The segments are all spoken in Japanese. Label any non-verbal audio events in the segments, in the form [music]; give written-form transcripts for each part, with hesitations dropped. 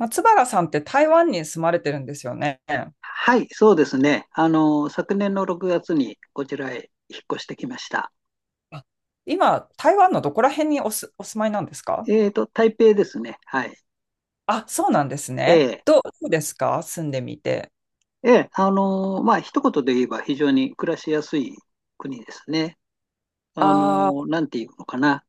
松原さんって台湾に住まれてるんですよね。はい、そうですね。昨年の6月にこちらへ引っ越してきました。あ。今、台湾のどこら辺にお住まいなんですか？台北ですね。はい。あ、そうなんですえね。え、どうですか、住んでみて。ええ、まあ、一言で言えば非常に暮らしやすい国ですね。あなんていうのかな。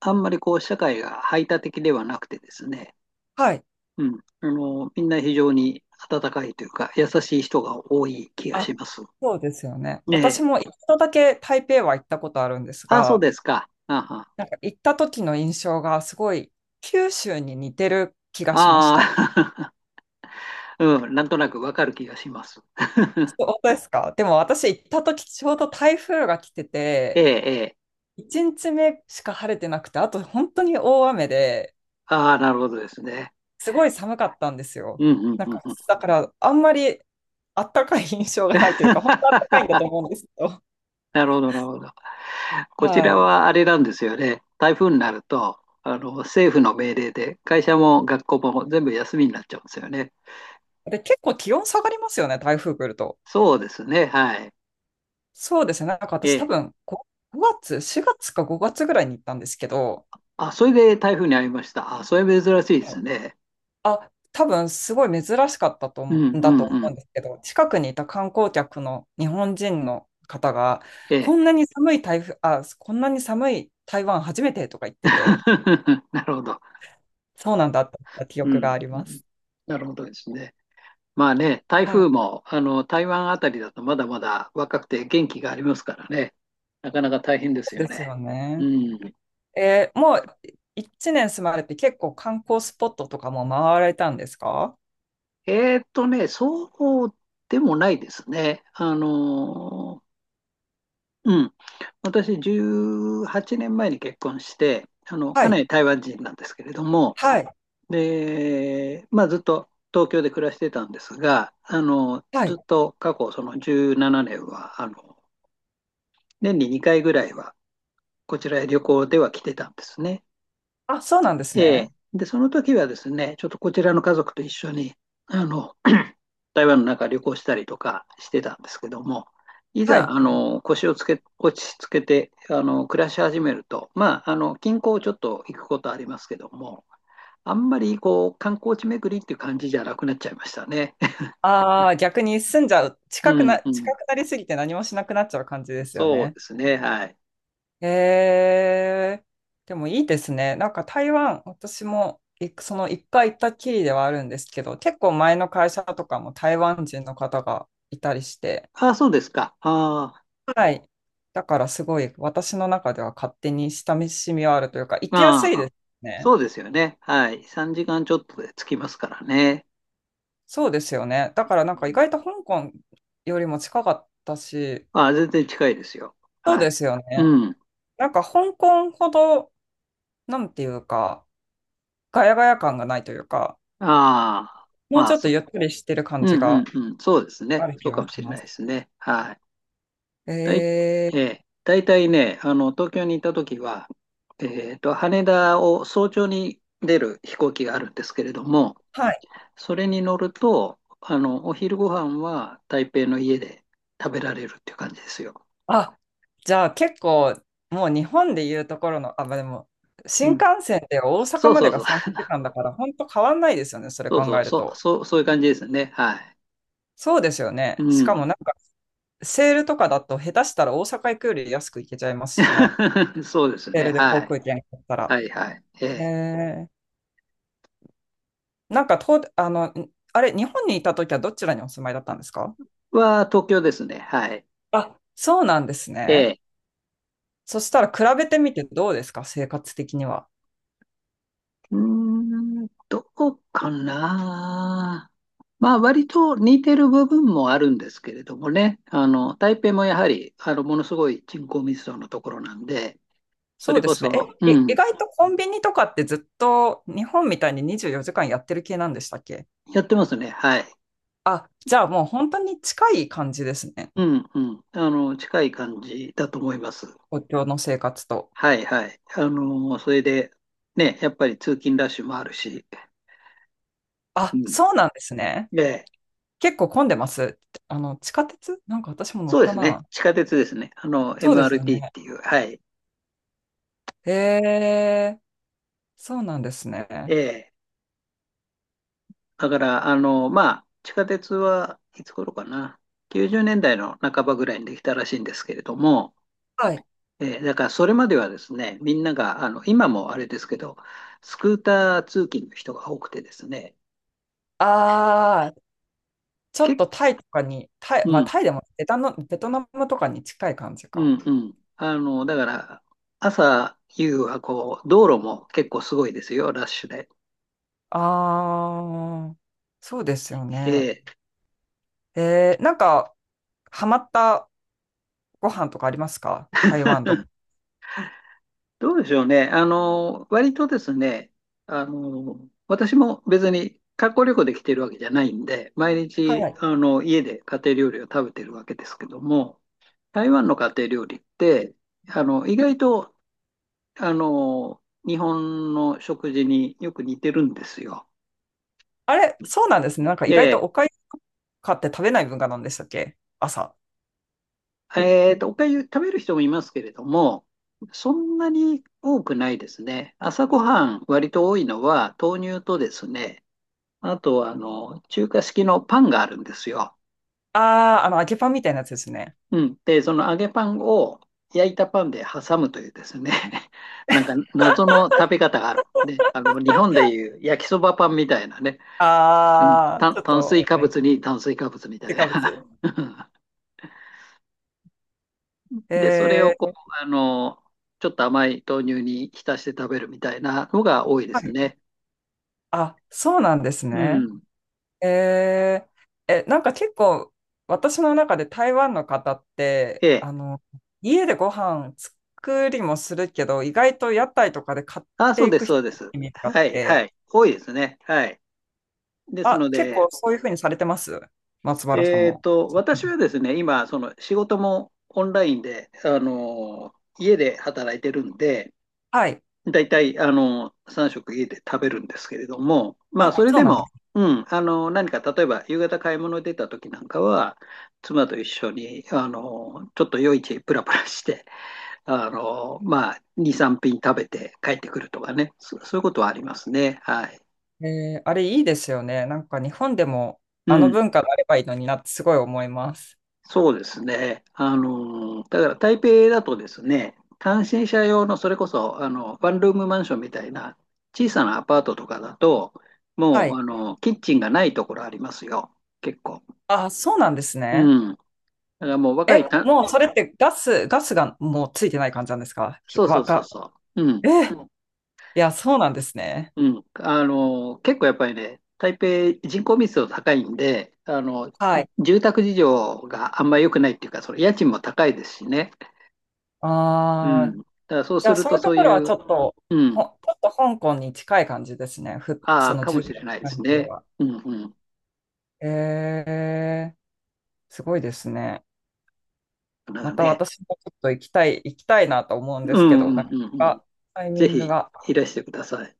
あんまりこう、社会が排他的ではなくてですね。あ、はい。うん。みんな非常に温かいというか、優しい人が多い気があ、します。そうですよね。え私え。も一度だけ台北は行ったことあるんですあ、そうが、ですか。あはなんか行った時の印象がすごい九州に似てる気がしました。ああー、[laughs] うん、なんとなくわかる気がします。そうですか。でも私行った時ちょうど台風が来てええ、て、ええ。1日目しか晴れてなくて、あと本当に大雨で、ああ、なるほどですね。すごい寒かったんですうよ。ん、うん、なんうん。か、うん。 だから、あんまりあったかい印象が [laughs] ないというか、本当あったかいんだと思うんですけど。なるほど、なるほど。こちはらい。はあれなんですよね。台風になると、政府の命令で、会社も学校も全部休みになっちゃうんですよね。で、結構気温下がりますよね、台風来ると。そうですね、はい。そうですね。なんかえ私多え。分、5月、4月か5月ぐらいに行ったんですけど、あ、それで台風に遭いました。あ、それ珍しいではい。すね。あ、多分すごい珍しかったとう思ん、うんうだとん、思ううんん。ですけど、近くにいた観光客の日本人の方が、ええ。こんなに寒い台風、あ、こんなに寒い台湾初めてとか言ってて、[laughs] なるほど。そうなんだって記う憶ん、がありうまん。す。なるほどですね。まあね、台はい。風も台湾あたりだとまだまだ若くて元気がありますからね、なかなか大変ですよですね。ようね。ん。もう1年住まれて、結構観光スポットとかも回られたんですか？そうでもないですね。うん。私、18年前に結婚して、はかない。り台湾人なんですけれども、はい。で、まあ、ずっと東京で暮らしてたんですが、はずい。っと過去、その17年は、年に2回ぐらいは、こちらへ旅行では来てたんですね。あ、そうなんですえーね。で、その時はですね、ちょっとこちらの家族と一緒に、あの、台湾の中旅行したりとかしてたんですけども、いはざ、い。腰をつけ、落ち着けて、暮らし始めると、まあ、近郊をちょっと行くことありますけども、あんまり、こう、観光地巡りっていう感じじゃなくなっちゃいましたね。[laughs] ああ、逆に住んじゃう。う近くんな、う近ん。くなりすぎて何もしなくなっちゃう感じですよそうね。ですね。はい。えー、でもいいですね。なんか台湾、私もその一回行ったきりではあるんですけど、結構前の会社とかも台湾人の方がいたりして、ああ、そうですか。あはい。だからすごい私の中では勝手に親しみはあるというか、行あ、きやすいあであ、すね。そうですよね。はい。3時間ちょっとで着きますからね。そうですよね。だからなんうか意ん。外と香港よりも近かったし、あ、全然近いですよ。そうはい。ですよね。うん。なんか香港ほど、なんていうか、ガヤガヤ感がないというか、ああ、もうまちあ、ょっとゆっくりしてるう感じんうんがうん。そうですあね。るそ気うかがもししれまないす。ですね。はい。えだい、ー、ええ、大体ね、東京にいた時は、羽田を早朝に出る飛行機があるんですけれども、はい。それに乗ると、お昼ご飯は台北の家で食べられるっていう感じですよ。あ、じゃあ結構、もう日本でいうところの、あ、まあでも、う新ん。幹線で大阪そうまそでうがそう。3 [laughs] 時間だから、本当変わんないですよね、それそ考うそう、えるそう、と。そう、そういう感じですね。はい。そうですようね。しかもん。なんか、セールとかだと、下手したら大阪行くより安く行けちゃいますしね。[laughs] そうですセーね。ルでは航い。空券買ったら。はいはい。ええ。えー、なんかと、あの、んあれ、日本にいた時はどちらにお住まいだったんですか？東京ですね。はい。あ、そうなんですえね。え。そしたら比べてみてどうですか、生活的には。うーん、どこかな。まあ、割と似てる部分もあるんですけれどもね。台北もやはり、ものすごい人口密度のところなんで、そそうれでこすね。そ、え、うい意ん、外とコンビニとかってずっと日本みたいに24時間やってる系なんでしたっけ？やってますね。はい。あ、じゃあもう本当に近い感じですね。うん、うん。近い感じだと思います。東京の生活と。はい、はい。それで、ね、やっぱり通勤ラッシュもあるし、あ、うそうなんですね。ん。ええ、結構混んでます。地下鉄なんか私も乗そっうでたすね。な。地下鉄ですね。そうですよ MRT っね。ていう。はい。へえ、そうなんですえね。え。だから、まあ、地下鉄はいつ頃かな。90年代の半ばぐらいにできたらしいんですけれども、はい。ええ、だからそれまではですね、みんなが、今もあれですけど、スクーター通勤の人が多くてですね、ああ、ちょ結っ構、とタイとかに、タイ、うまあん、タイでもベタの、ベトナムとかに近い感じうか。ん、うん。だから、朝、夕はこう、道路も結構すごいですよ、ラッシュで。ああ、そうですよね。えなんか、ハマったご飯とかありますか、台湾とか？どうでしょうね。割とですね、あの、私も別に観光旅行で来てるわけじゃないんで、毎は日、い。家で家庭料理を食べてるわけですけども、台湾の家庭料理って、意外と、あの、日本の食事によく似てるんですよ。あれ、そうなんですね。なんか意外とで、おかゆとかって食べない文化なんでしたっけ、朝。おかゆ食べる人もいますけれども、そんなに多くないですね。朝ごはん割と多いのは豆乳とですね、あとは、中華式のパンがあるんですよ。ああ、揚げパンみたいなやつですね。うん。で、その揚げパンを焼いたパンで挟むというですね、[laughs] なんか謎の食べ方がある。で、日本でいう焼きそばパンみたいなね、うん、ああ、ち炭ょっ炭と、水やっ化ぱり、物に炭水化物みたい添加物。な。[laughs] で、それえをこー、う、あの、ちょっと甘い豆乳に浸して食べるみたいなのが多いではすい。ね。あ、そうなんですうね。ん。えなんか結構私の中で台湾の方ってええ。家でご飯作りもするけど、意外と屋台とかで買っあ、そてういでくす、そ人うでのす。イメージがあっはい、はて、い。多いですね。はい。ですあ、の結で、構そういうふうにされてます、松原さんも？私はですね、今、その仕事もオンラインで、家で働いてるんで、はい。だいたい、3食家で食べるんですけれども、まあ、あ、それそうでなんでも、す。うん、何か、例えば、夕方買い物に出た時なんかは、妻と一緒に、ちょっと夜市プラプラして、まあ、2、3品食べて帰ってくるとかね、そういうことはありますね。はい。あれいいですよね、なんか日本でもうあのん。文化があればいいのになってすごい思います。そうですね。だから台北だとですね、単身者用のそれこそ、ワンルームマンションみたいな小さなアパートとかだと、はもう、い。キッチンがないところありますよ。結構。あ、そうなんですね。うん。だからもう若いた、もうそれってガスがもうついてない感じなんですか、ひそうそわうそうか、そう。うえ、ん。いや、そうなんですね。うん。結構やっぱりね、台北人口密度高いんで、はい。住宅事情があんまり良くないっていうか、その家賃も高いですしね。うあん。あ、だからそうじゃすあるそういとうとそうころはいちう、ょっと、うほ、ちん、ょっと香港に近い感じですね。あそあ、のか従もし業れないです関係ね。は？うんうん。えー、すごいですね。だからまたね。私もちょっと行きたい、行きたいなと思うんうですけんうど、なんかうんうなん。かタイミぜングひが。いらしてください。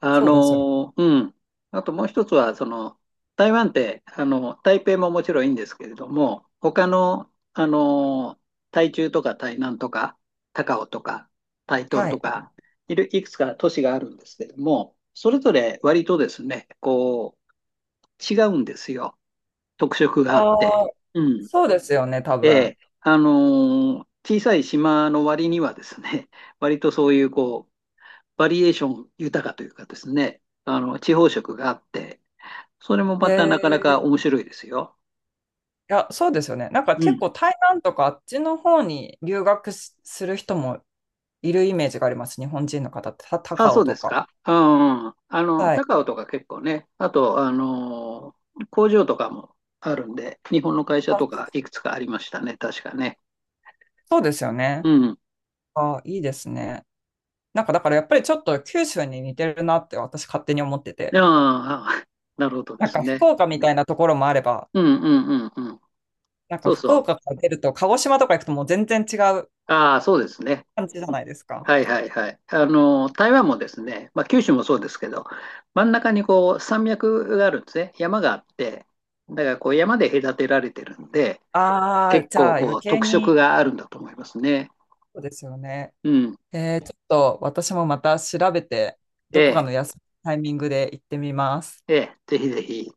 そうですよ。うん。あともう一つは、その、台湾って、台北ももちろんいいんですけれども、他の、台中とか台南とか、高雄とか、台東はとい。か、いくつか都市があるんですけれども、それぞれ割とですね、こう、違うんですよ。特色があって。ああ、うん。そうですよね、多え分。え、小さい島の割にはですね、[laughs] 割とそういうこう、バリエーション豊かというかですね、地方色があって、それもまたなかないか面白いですよ。や、そうですよね。なんかう結ん。構台湾とかあっちの方に留学する人もいるイメージがあります。日本人の方って、たあ、高そ尾うでとすか。か。うん、うん。は高い。尾とか結構ね、あと、工場とかもあるんで、日本の会社あ、とかいくつかありましたね、確かね。そうですようね。ん。あ、いいですね。なんかだからやっぱりちょっと九州に似てるなって私勝手に思ってああ、て。[laughs] なるほどでなんすか福ね。岡みたいなところもあれば、うんうんうんうん。なんかそう福そう。岡から出ると鹿児島とか行くともう全然違うああ、そうですね。感じじゃないですか。はいはいはい。台湾もですね、まあ、九州もそうですけど、真ん中にこう山脈があるんですね。山があって、だからこう山で隔てられてるんで、ああ、結じ構ゃあ余こう計特色に、があるんだと思いますね。そうですよね。うん。ちょっと私もまた調べて、えどこかえ、の休みのタイミングで行ってみます。ええ、ぜひぜひ。